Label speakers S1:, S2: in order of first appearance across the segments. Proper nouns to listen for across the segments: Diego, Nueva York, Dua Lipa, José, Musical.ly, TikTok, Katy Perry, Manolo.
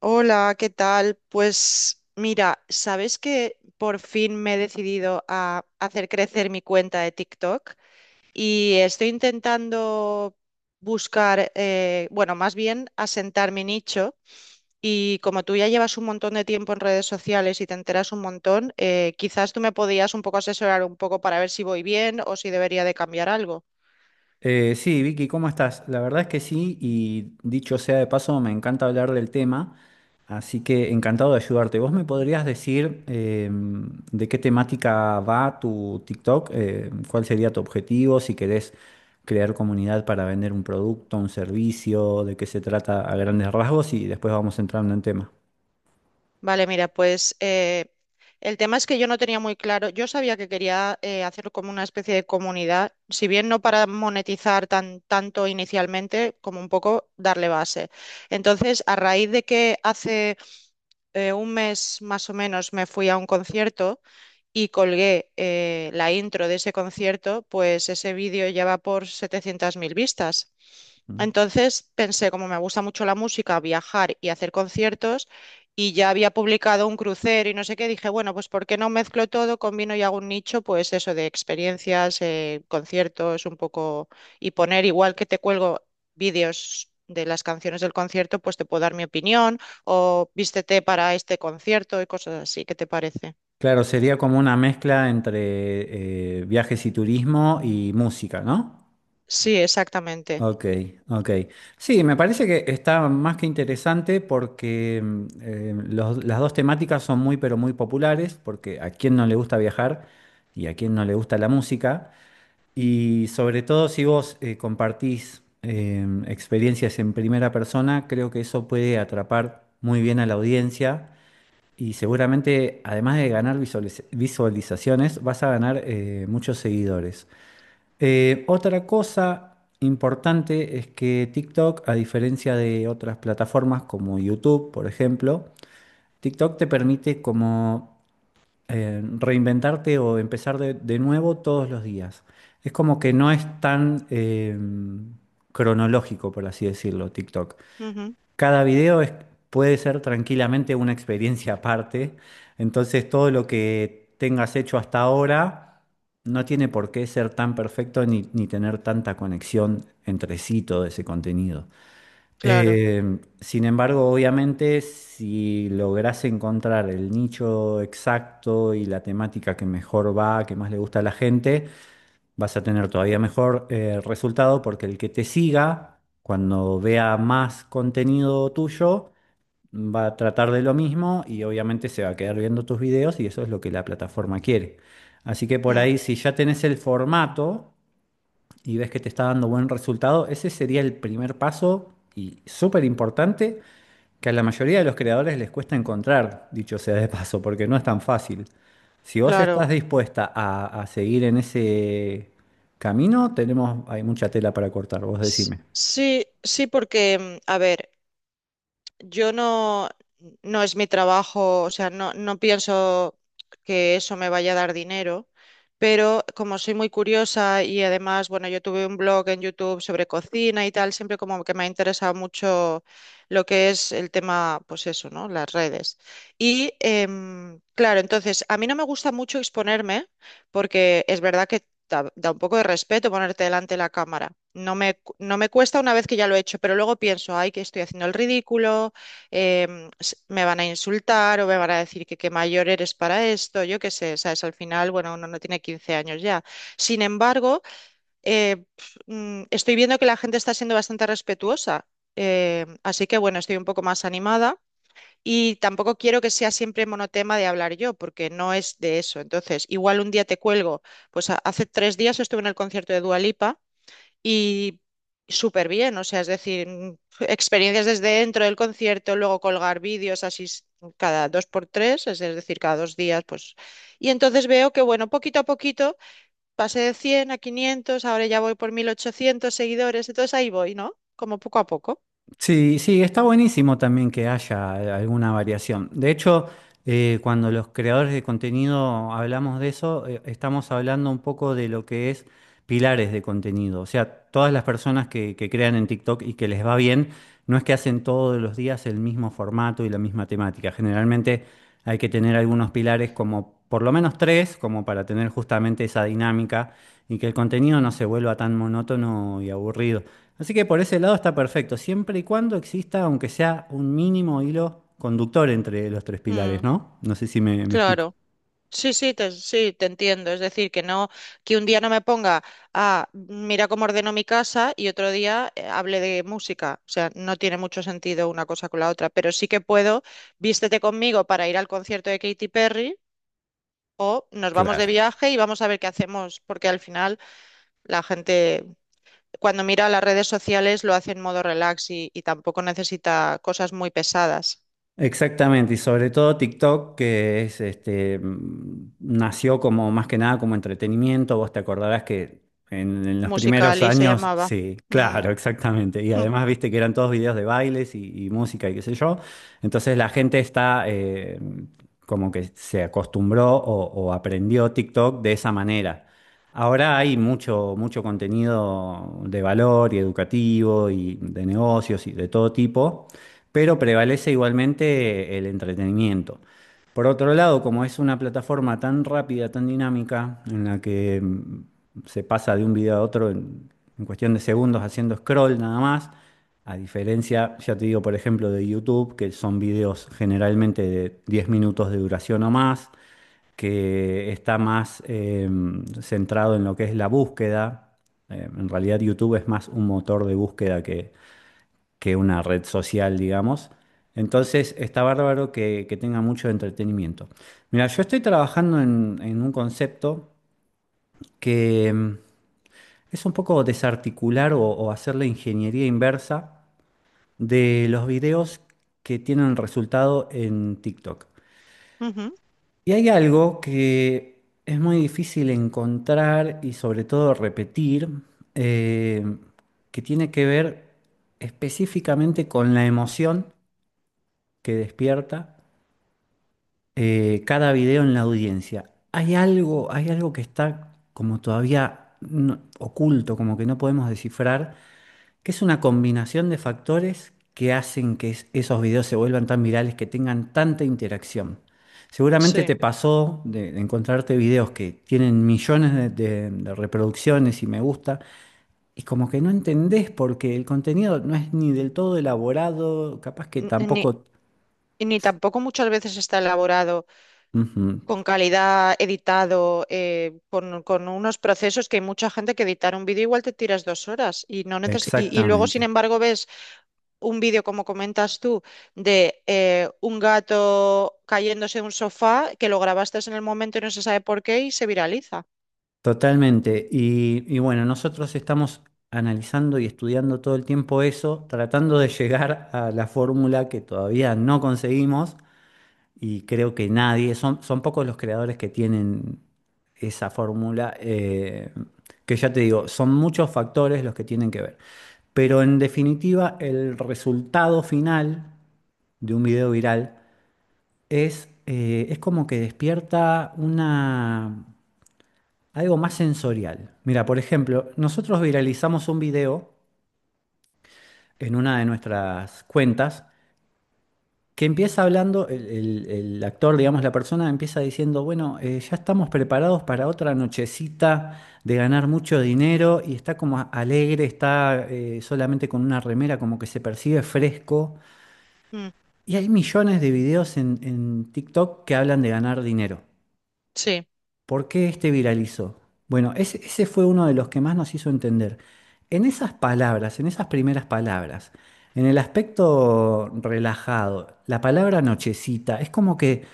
S1: Hola, ¿qué tal? Pues mira, ¿sabes que por fin me he decidido a hacer crecer mi cuenta de TikTok? Y estoy intentando buscar, bueno, más bien asentar mi nicho. Y como tú ya llevas un montón de tiempo en redes sociales y te enteras un montón, quizás tú me podías un poco asesorar un poco para ver si voy bien o si debería de cambiar algo.
S2: Sí, Vicky, ¿cómo estás? La verdad es que sí, y dicho sea de paso, me encanta hablar del tema, así que encantado de ayudarte. ¿Vos me podrías decir de qué temática va tu TikTok? ¿Cuál sería tu objetivo? Si querés crear comunidad para vender un producto, un servicio, de qué se trata a grandes rasgos y después vamos entrando en tema.
S1: Vale, mira, pues el tema es que yo no tenía muy claro, yo sabía que quería hacerlo como una especie de comunidad, si bien no para monetizar tanto inicialmente, como un poco darle base. Entonces, a raíz de que hace un mes más o menos me fui a un concierto, y colgué la intro de ese concierto, pues ese vídeo ya va por 700.000 vistas.
S2: ¿Mm?
S1: Entonces pensé, como me gusta mucho la música, viajar y hacer conciertos, y ya había publicado un crucero y no sé qué, dije, bueno, pues ¿por qué no mezclo todo, combino y hago un nicho, pues eso de experiencias, conciertos, un poco, y poner igual que te cuelgo vídeos de las canciones del concierto, pues te puedo dar mi opinión o vístete para este concierto y cosas así, ¿qué te parece?
S2: Claro, sería como una mezcla entre viajes y turismo y música, ¿no?
S1: Sí, exactamente.
S2: Ok, ok. Sí, me parece que está más que interesante porque las dos temáticas son muy, pero muy populares, porque a quién no le gusta viajar y a quién no le gusta la música. Y sobre todo si vos compartís experiencias en primera persona, creo que eso puede atrapar muy bien a la audiencia y seguramente, además de ganar visualizaciones, vas a ganar muchos seguidores. Otra cosa importante es que TikTok, a diferencia de otras plataformas como YouTube, por ejemplo, TikTok te permite como reinventarte o empezar de nuevo todos los días. Es como que no es tan cronológico, por así decirlo, TikTok.
S1: Ujú,
S2: Cada video puede ser tranquilamente una experiencia aparte, entonces todo lo que tengas hecho hasta ahora no tiene por qué ser tan perfecto ni tener tanta conexión entre sí todo ese contenido.
S1: claro.
S2: Sin embargo, obviamente, si logras encontrar el nicho exacto y la temática que mejor va, que más le gusta a la gente, vas a tener todavía mejor resultado porque el que te siga, cuando vea más contenido tuyo, va a tratar de lo mismo y obviamente se va a quedar viendo tus videos y eso es lo que la plataforma quiere. Así que por
S1: Mm,
S2: ahí, si ya tenés el formato y ves que te está dando buen resultado, ese sería el primer paso y súper importante que a la mayoría de los creadores les cuesta encontrar, dicho sea de paso, porque no es tan fácil. Si vos estás
S1: claro.
S2: dispuesta a seguir en ese camino, tenemos, hay mucha tela para cortar, vos
S1: S-
S2: decime.
S1: Sí, sí, porque, a ver, yo no, no es mi trabajo, o sea, no, no pienso que eso me vaya a dar dinero, pero como soy muy curiosa y además, bueno, yo tuve un blog en YouTube sobre cocina y tal, siempre como que me ha interesado mucho lo que es el tema, pues eso, ¿no? Las redes. Y claro, entonces, a mí no me gusta mucho exponerme porque es verdad que. Da un poco de respeto ponerte delante de la cámara. No me cuesta una vez que ya lo he hecho, pero luego pienso, ay, que estoy haciendo el ridículo, me van a insultar o me van a decir que qué mayor eres para esto, yo qué sé, ¿sabes? Al final, bueno, uno no tiene 15 años ya. Sin embargo, estoy viendo que la gente está siendo bastante respetuosa, así que bueno, estoy un poco más animada. Y tampoco quiero que sea siempre monotema de hablar yo, porque no es de eso. Entonces, igual un día te cuelgo. Pues hace 3 días estuve en el concierto de Dua Lipa y súper bien, o sea, es decir, experiencias desde dentro del concierto, luego colgar vídeos así cada dos por tres, es decir, cada 2 días, pues. Y entonces veo que, bueno, poquito a poquito pasé de 100 a 500, ahora ya voy por 1.800 seguidores, entonces ahí voy, ¿no? Como poco a poco.
S2: Sí, sí, está buenísimo también que haya alguna variación. De hecho, cuando los creadores de contenido hablamos de eso, estamos hablando un poco de lo que es pilares de contenido. O sea, todas las personas que crean en TikTok y que les va bien, no es que hacen todos los días el mismo formato y la misma temática. Generalmente hay que tener algunos pilares como por lo menos tres, como para tener justamente esa dinámica y que el contenido no se vuelva tan monótono y aburrido. Así que por ese lado está perfecto, siempre y cuando exista, aunque sea un mínimo hilo conductor entre los tres pilares,
S1: Mm,
S2: ¿no? No sé si me explico.
S1: claro. Sí, sí, te entiendo. Es decir, que no, que un día no me ponga a mira cómo ordeno mi casa y otro día hable de música. O sea, no tiene mucho sentido una cosa con la otra, pero sí que puedo, vístete conmigo para ir al concierto de Katy Perry o nos vamos de
S2: Claro.
S1: viaje y vamos a ver qué hacemos, porque al final la gente cuando mira las redes sociales lo hace en modo relax y tampoco necesita cosas muy pesadas.
S2: Exactamente, y sobre todo TikTok, que es este, nació como más que nada como entretenimiento. Vos te acordarás que en los primeros
S1: Musical.ly se
S2: años,
S1: llamaba.
S2: sí,
S1: Mm,
S2: claro, exactamente. Y además viste que eran todos videos de bailes y música y qué sé yo. Entonces la gente está como que se acostumbró o aprendió TikTok de esa manera. Ahora hay mucho, mucho contenido de valor y educativo y de negocios y de todo tipo pero prevalece igualmente el entretenimiento. Por otro lado, como es una plataforma tan rápida, tan dinámica, en la que se pasa de un video a otro en cuestión de segundos haciendo scroll nada más, a diferencia, ya te digo, por ejemplo, de YouTube, que son videos generalmente de 10 minutos de duración o más, que está más centrado en lo que es la búsqueda. En realidad YouTube es más un motor de búsqueda que una red social, digamos. Entonces, está bárbaro que tenga mucho entretenimiento. Mira, yo estoy trabajando en un concepto que es un poco desarticular o hacer la ingeniería inversa de los videos que tienen resultado en TikTok.
S1: mm, ujú,
S2: Y hay algo que es muy difícil encontrar y sobre todo repetir, eh, que tiene que ver específicamente con la emoción que despierta cada video en la audiencia. Hay algo que está como todavía oculto, como que no podemos descifrar, que es una combinación de factores que hacen que esos videos se vuelvan tan virales, que tengan tanta interacción. Seguramente
S1: sí.
S2: te pasó de encontrarte videos que tienen millones de reproducciones y me gusta, y como que no entendés porque el contenido no es ni del todo elaborado, capaz que
S1: Ni,
S2: tampoco...
S1: y ni tampoco muchas veces está elaborado
S2: Ujú,
S1: con calidad, editado, con unos procesos que hay mucha gente que editar un vídeo igual te tiras 2 horas y no neces- y luego, sin
S2: exactamente.
S1: embargo, ves un vídeo, como comentas tú, de un gato cayéndose de un sofá que lo grabaste en el momento y no se sabe por qué y se viraliza.
S2: Totalmente. Y bueno, nosotros estamos analizando y estudiando todo el tiempo eso, tratando de llegar a la fórmula que todavía no conseguimos y creo que nadie, son pocos los creadores que tienen esa fórmula, que ya te digo, son muchos factores los que tienen que ver. Pero en definitiva, el resultado final de un video viral es como que despierta algo más sensorial. Mira, por ejemplo, nosotros viralizamos un video en una de nuestras cuentas que empieza hablando, el actor, digamos, la persona empieza diciendo, bueno, ya estamos preparados para otra nochecita de ganar mucho dinero y está como alegre, está solamente con una remera, como que se percibe fresco.
S1: Mm,
S2: Y hay millones de videos en TikTok que hablan de ganar dinero.
S1: sí,
S2: ¿Por qué este viralizó? Bueno, ese fue uno de los que más nos hizo entender. En esas palabras, en esas primeras palabras, en el aspecto relajado, la palabra nochecita, es como que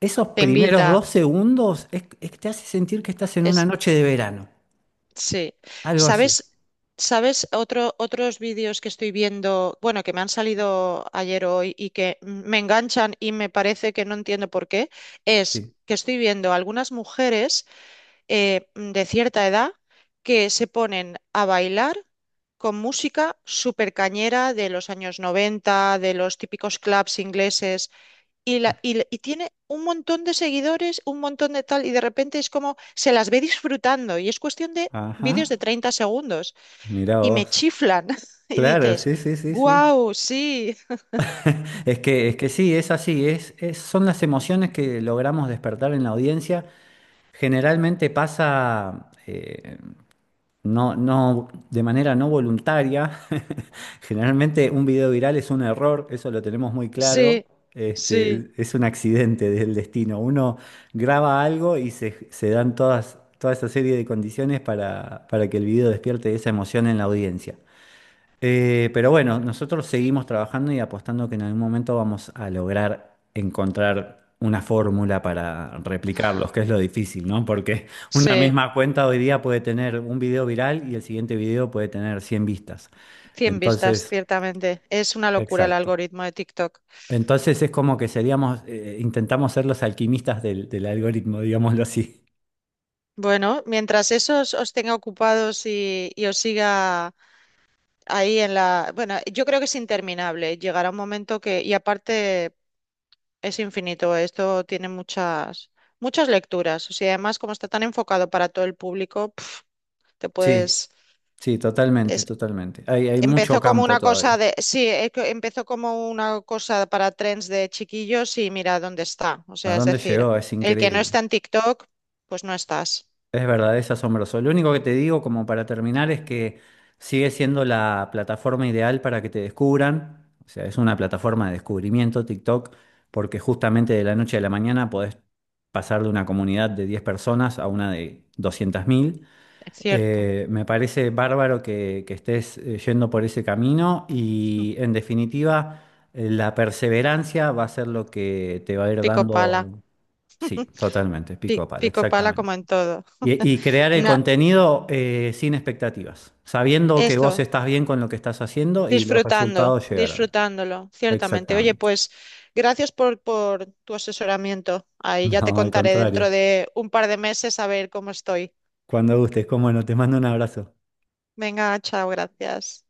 S2: esos
S1: te
S2: primeros
S1: invita.
S2: 2 segundos es que te hace sentir que estás en una noche de verano,
S1: Sí.
S2: algo así.
S1: ¿Sabes? ¿Sabes otros vídeos que estoy viendo, bueno, que me han salido ayer o hoy y que me enganchan y me parece que no entiendo por qué? Es
S2: Sí.
S1: que estoy viendo algunas mujeres de cierta edad que se ponen a bailar con música súper cañera de los años 90, de los típicos clubs ingleses, y tiene un montón de seguidores, un montón de tal, y de repente es como se las ve disfrutando y es cuestión de
S2: Ajá,
S1: vídeos de 30 segundos
S2: mirá
S1: y me
S2: vos.
S1: chiflan. Y
S2: Claro,
S1: dices,
S2: sí, sí, sí, sí.
S1: wow, sí,
S2: Es que sí, es así, son las emociones que logramos despertar en la audiencia. Generalmente pasa, no, no, de manera no voluntaria. Generalmente un video viral es un error, eso lo tenemos muy claro.
S1: sí, sí,
S2: Este, es un accidente del destino. Uno graba algo y se dan toda esa serie de condiciones para que el video despierte esa emoción en la audiencia. Pero bueno, nosotros seguimos trabajando y apostando que en algún momento vamos a lograr encontrar una fórmula para replicarlos, que es lo difícil, ¿no? Porque una
S1: sí.
S2: misma cuenta hoy día puede tener un video viral y el siguiente video puede tener 100 vistas.
S1: 100 vistas,
S2: Entonces,
S1: ciertamente. Es una locura el
S2: exacto.
S1: algoritmo de TikTok.
S2: Entonces es como que intentamos ser los alquimistas del algoritmo, digámoslo así.
S1: Bueno, mientras eso os tenga ocupados y os siga ahí en la. Bueno, yo creo que es interminable. Llegará un momento que. Y aparte. Es infinito, esto tiene muchas, muchas lecturas. O sea, además, como está tan enfocado para todo el público, te
S2: Sí,
S1: puedes.
S2: sí, totalmente,
S1: es-
S2: totalmente. Hay mucho
S1: empezó como
S2: campo
S1: una cosa
S2: todavía.
S1: de. Sí, que empezó como una cosa para trends de chiquillos y mira dónde está. O
S2: ¿A
S1: sea, es
S2: dónde
S1: decir,
S2: llegó? Es
S1: el que no
S2: increíble.
S1: está en TikTok, pues no estás.
S2: Es verdad, es asombroso. Lo único que te digo, como para terminar, es que sigue siendo la plataforma ideal para que te descubran. O sea, es una plataforma de descubrimiento, TikTok, porque justamente de la noche a la mañana podés pasar de una comunidad de 10 personas a una de 200.000.
S1: Es cierto.
S2: Me parece bárbaro que estés yendo por ese camino y, en definitiva, la perseverancia va a ser lo que te va a ir
S1: Pico pala.
S2: dando. Sí, totalmente, pico
S1: Pi-
S2: a palo,
S1: pico pala
S2: exactamente.
S1: como en todo.
S2: Y crear el
S1: Na-
S2: contenido sin expectativas, sabiendo que vos
S1: esto.
S2: estás bien con lo que estás haciendo y los
S1: Disfrutando,
S2: resultados llegarán.
S1: disfrutándolo, ciertamente. Oye,
S2: Exactamente.
S1: pues gracias por tu asesoramiento. Ahí ya te
S2: No, al
S1: contaré dentro
S2: contrario.
S1: de un par de meses a ver cómo estoy.
S2: Cuando gustes, cómo no, te mando un abrazo.
S1: Venga, chao, gracias.